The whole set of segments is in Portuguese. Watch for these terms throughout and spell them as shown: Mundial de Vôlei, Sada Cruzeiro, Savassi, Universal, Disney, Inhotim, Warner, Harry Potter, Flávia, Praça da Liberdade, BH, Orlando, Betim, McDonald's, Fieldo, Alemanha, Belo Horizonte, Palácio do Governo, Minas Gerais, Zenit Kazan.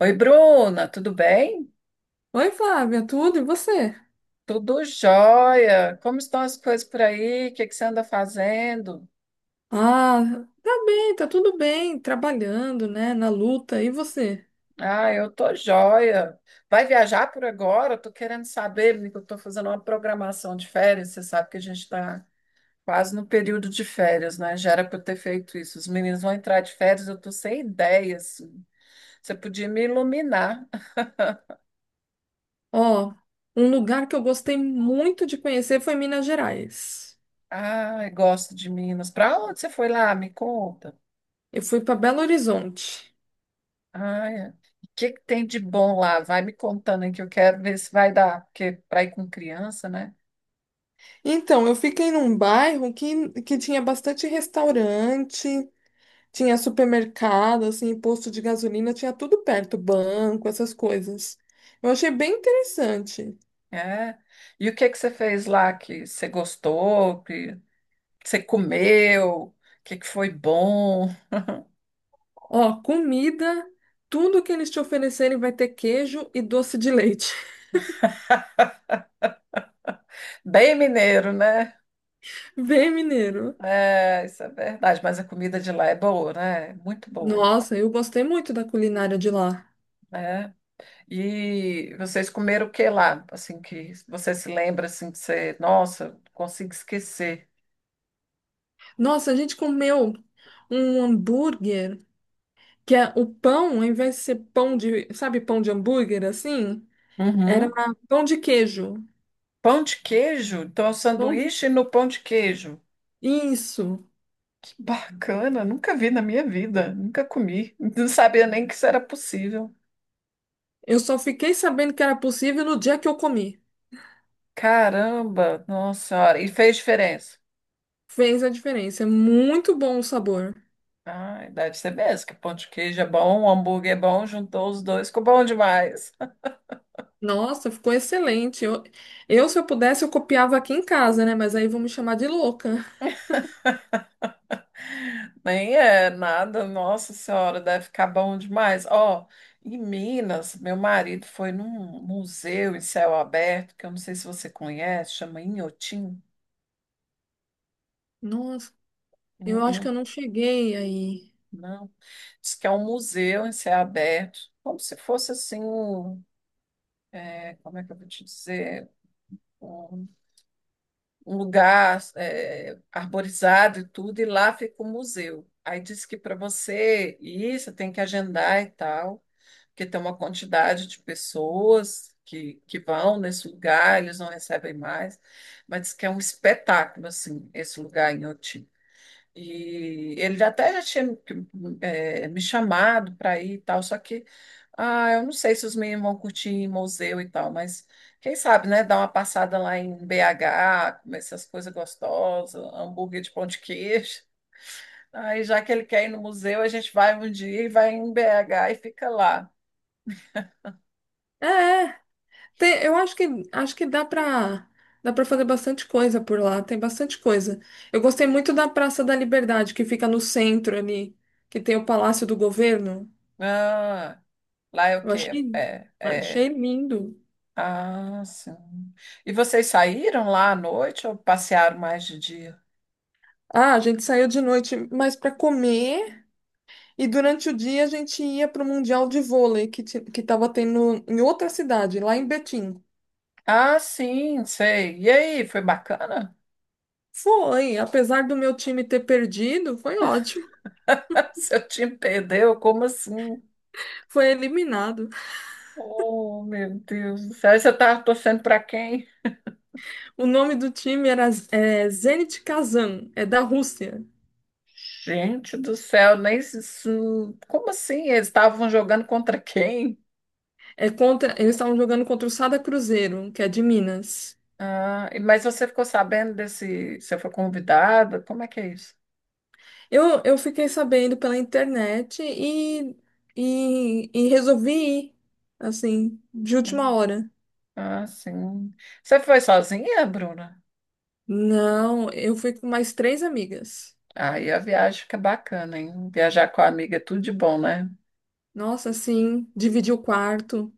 Oi, Bruna, tudo bem? Oi, Flávia, tudo e você? Tudo jóia. Como estão as coisas por aí? O que que você anda fazendo? Ah, tá bem, tá tudo bem, trabalhando, né, na luta. E você? Ah, eu tô jóia. Vai viajar por agora? Eu tô querendo saber, porque eu tô fazendo uma programação de férias. Você sabe que a gente está quase no período de férias, né? Já era para eu ter feito isso. Os meninos vão entrar de férias, eu tô sem ideias. Você podia me iluminar. Ó, um lugar que eu gostei muito de conhecer foi Minas Gerais. Ah, gosto de Minas. Para onde você foi lá? Me conta. Eu fui para Belo Horizonte. Ai, o que que tem de bom lá? Vai me contando aí que eu quero ver se vai dar, porque para ir com criança, né? Então, eu fiquei num bairro que tinha bastante restaurante, tinha supermercado, assim, posto de gasolina, tinha tudo perto, banco, essas coisas. Eu achei bem interessante. É. E o que que você fez lá que você gostou, que você comeu, que foi bom? Ó, comida, tudo que eles te oferecerem vai ter queijo e doce de leite. Bem mineiro, né? Bem mineiro. É, isso é verdade, mas a comida de lá é boa, né? Muito boa. Nossa, eu gostei muito da culinária de lá. Né? E vocês comeram o que lá? Assim que você se lembra assim que você, nossa, não consigo esquecer. Nossa, a gente comeu um hambúrguer, que é o pão, ao invés de ser pão de, sabe, pão de hambúrguer assim, era Uhum. pão de queijo. Pão de queijo? Então, é um Pão de... sanduíche no pão de queijo. Isso. Que bacana, nunca vi na minha vida, nunca comi. Não sabia nem que isso era possível. Eu só fiquei sabendo que era possível no dia que eu comi. Caramba, nossa senhora, e fez diferença. Fez a diferença. É muito bom o sabor. Ah, deve ser mesmo, que pão de queijo é bom, hambúrguer é bom, juntou os dois, ficou bom demais. Nossa, ficou excelente. Se eu pudesse, eu copiava aqui em casa, né? Mas aí vão me chamar de louca. Nem é nada, nossa senhora, deve ficar bom demais. Ó, em Minas, meu marido foi num museu em céu aberto, que eu não sei se você conhece, chama Inhotim. Nossa, eu acho Não, que eu não cheguei aí. não. Diz que é um museu em céu aberto, como se fosse assim, é, como é que eu vou te dizer? Um, um lugar é, arborizado e tudo, e lá fica o museu. Aí diz que para você ir, você tem que agendar e tal, porque tem uma quantidade de pessoas que vão nesse lugar, eles não recebem mais, mas diz que é um espetáculo, assim, esse lugar em Oti. E ele até já tinha me chamado para ir e tal, só que ah, eu não sei se os meninos vão curtir em museu e tal, mas quem sabe, né? Dar uma passada lá em BH, comer essas coisas gostosas, hambúrguer de pão de queijo. Aí, já que ele quer ir no museu, a gente vai um dia e vai em BH e fica lá. É, é. Eu acho que dá para fazer bastante coisa por lá. Tem bastante coisa. Eu gostei muito da Praça da Liberdade, que fica no centro ali, que tem o Palácio do Governo. Ah, lá é o Eu quê? achei É, é. lindo. Ah, sim. E vocês saíram lá à noite ou passearam mais de dia? Ah, a gente saiu de noite, mas pra comer. E durante o dia a gente ia para o Mundial de Vôlei que estava tendo em outra cidade, lá em Betim. Ah, sim, sei. E aí, foi bacana? Foi, apesar do meu time ter perdido, foi ótimo, Seu time perdeu? Como assim? foi eliminado. Oh, meu Deus do céu. E você estava torcendo para quem? O nome do time era Zenit Kazan, é da Rússia. Gente do céu, nem se- isso- como assim? Eles estavam jogando contra quem? É contra, eles estavam jogando contra o Sada Cruzeiro, que é de Minas. Ah, e- mas você ficou sabendo desse. Você foi convidada? Como é que é isso? Eu fiquei sabendo pela internet e resolvi ir, assim, de última hora. Ah, sim. Você foi sozinha, Bruna? Não, eu fui com mais 3 amigas. Aí a viagem fica bacana, hein? Viajar com a amiga é tudo de bom, né? Nossa, sim, dividir o quarto.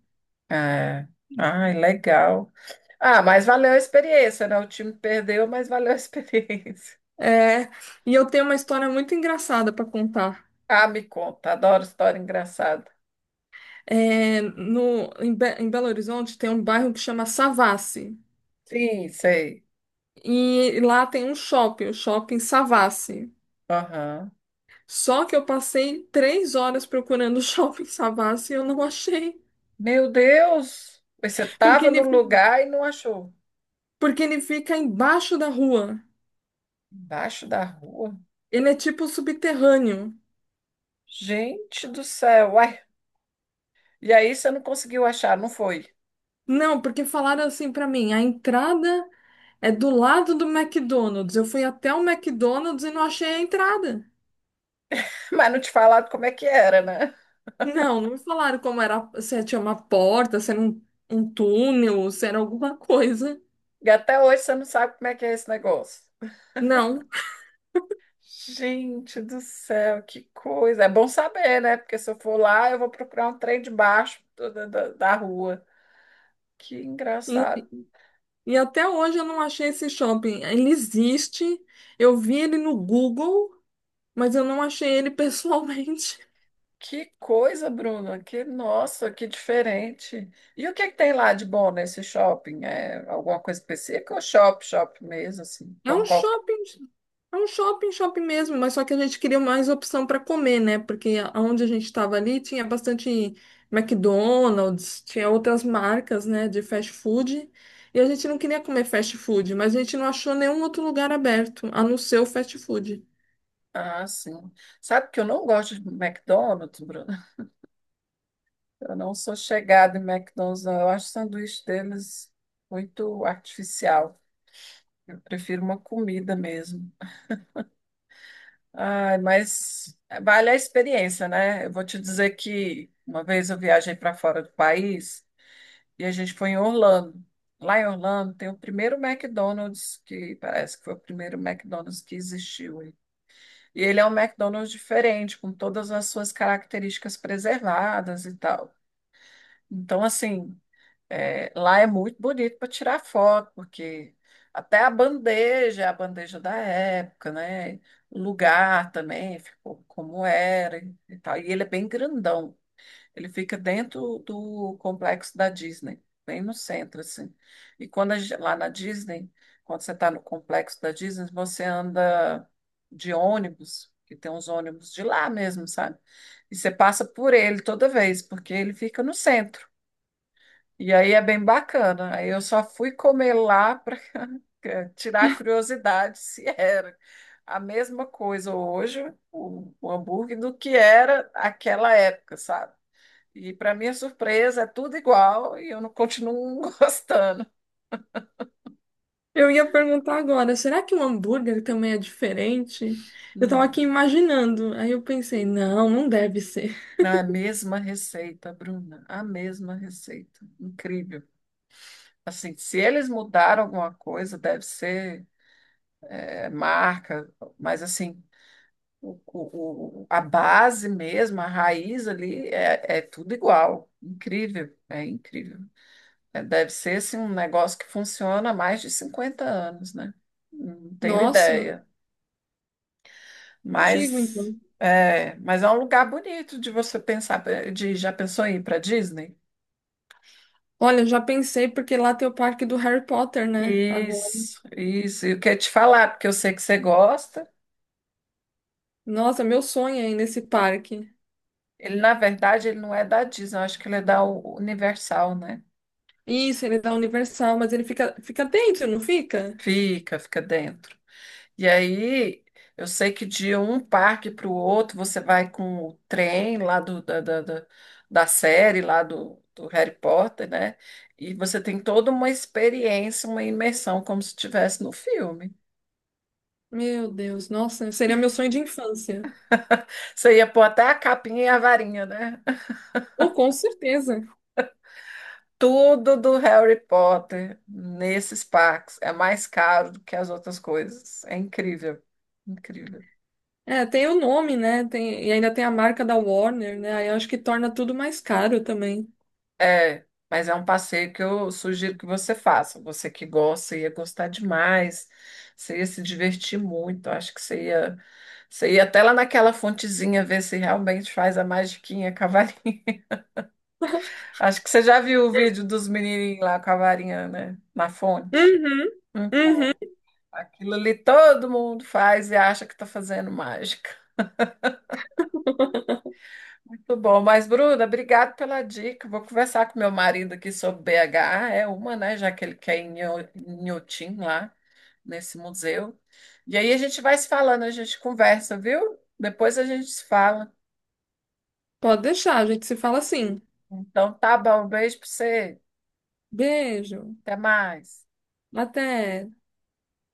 É. Ai, legal. Ah, mas valeu a experiência, né? O time perdeu, mas valeu a experiência. É, e eu tenho uma história muito engraçada para contar. Ah, me conta, adoro história engraçada. É, no, em, Be- Em Belo Horizonte tem um bairro que chama Savassi. Sim, sei. E lá tem um shopping, o shopping Savassi. Aham. Só que eu passei 3 horas procurando o shopping Savassi e eu não achei. Meu Deus! Mas você Porque estava no ele, lugar e não achou. porque ele fica embaixo da rua. Embaixo da rua? Ele é tipo subterrâneo. Gente do céu! Uai. E aí você não conseguiu achar, não foi? Não, porque falaram assim para mim, a entrada. É do lado do McDonald's. Eu fui até o McDonald's e não achei a entrada. Mas não te falaram como é que era, né? Não, não me falaram como era, se tinha uma porta, se era um túnel, se era alguma coisa. E até hoje você não sabe como é que é esse negócio. Não. Gente do céu, que coisa. É bom saber, né? Porque se eu for lá, eu vou procurar um trem debaixo da rua. Que E, engraçado. e até hoje eu não achei esse shopping. Ele existe, eu vi ele no Google, mas eu não achei ele pessoalmente. Que coisa, Bruna. Que nossa, que diferente. E o que que tem lá de bom nesse shopping? É alguma coisa específica ou shop mesmo, assim? É Como um qualquer... shopping, é um shopping, shopping mesmo, mas só que a gente queria mais opção para comer, né? Porque onde a gente estava ali tinha bastante McDonald's, tinha outras marcas, né, de fast food, e a gente não queria comer fast food, mas a gente não achou nenhum outro lugar aberto, a não ser o fast food. Ah, sim. Sabe que eu não gosto de McDonald's, Bruna? Eu não sou chegada em McDonald's, não. Eu acho o sanduíche deles muito artificial. Eu prefiro uma comida mesmo. Ai, mas vale a experiência, né? Eu vou te dizer que uma vez eu viajei para fora do país e a gente foi em Orlando. Lá em Orlando tem o primeiro McDonald's, que parece que foi o primeiro McDonald's que existiu. E ele é um McDonald's diferente, com todas as suas características preservadas e tal. Então, assim, é, lá é muito bonito para tirar foto, porque até a bandeja, é a bandeja da época, né? O lugar também ficou como era e tal. E ele é bem grandão. Ele fica dentro do complexo da Disney, bem no centro, assim. E quando a gen- lá na Disney, quando você está no complexo da Disney, você anda de ônibus, que tem uns ônibus de lá mesmo, sabe? E você passa por ele toda vez, porque ele fica no centro. E aí é bem bacana. Aí eu só fui comer lá para tirar a curiosidade se era a mesma coisa hoje, o hambúrguer, do que era aquela época, sabe? E para minha surpresa, é tudo igual e eu não continuo gostando. Eu ia perguntar agora, será que o hambúrguer também é diferente? Eu tava aqui Não. imaginando, aí eu pensei, não, não deve ser. Não, é a mesma receita, Bruna, a mesma receita. Incrível. Assim, se eles mudaram alguma coisa, deve ser é, marca, mas assim, a base mesmo, a raiz ali é tudo igual. Incrível. É, deve ser assim, um negócio que funciona há mais de 50 anos, né? Não tenho Nossa, ideia. antigo Mas então. mas é um lugar bonito de você pensar, de já pensou em ir para Disney? Olha, eu já pensei porque lá tem o parque do Harry Potter, né? Agora. Isso, isso. E eu queria te falar, porque eu sei que você gosta. Nossa, meu sonho é ir nesse parque. Ele, na verdade, ele não é da Disney, eu acho que ele é da U- Universal, né? Isso, ele é da Universal, mas ele fica, fica dentro, não fica? Fica, fica dentro. E aí, eu sei que de um parque para o outro você vai com o trem lá do, da, da, da, da série, lá do Harry Potter, né? E você tem toda uma experiência, uma imersão, como se estivesse no filme. Meu Deus, nossa, seria meu sonho de infância. Você ia pôr até a capinha e a varinha, né? Oh, com certeza. Tudo do Harry Potter nesses parques é mais caro do que as outras coisas. É incrível, incrível. É, tem o nome, né? Tem, e ainda tem a marca da Warner, né? Aí eu acho que torna tudo mais caro também. É, mas é um passeio que eu sugiro que você faça. Você que gosta, ia gostar demais. Você ia se divertir muito. Acho que você ia até lá naquela fontezinha ver se realmente faz a magiquinha com a varinha. Acho que você já viu o vídeo dos menininhos lá com a varinha, né? Na fonte. Uhum, Então, uhum. aquilo ali todo mundo faz e acha que está fazendo mágica. Muito bom, mas Bruna, obrigado pela dica. Vou conversar com meu marido aqui sobre BH, é uma, né, já que ele quer ir em Nho- em Inhotim lá, nesse museu. E aí a gente vai se falando, a gente conversa, viu? Depois a gente se fala. Pode deixar, a gente se fala assim. Então tá bom, um beijo para você. Beijo. Até mais. Até.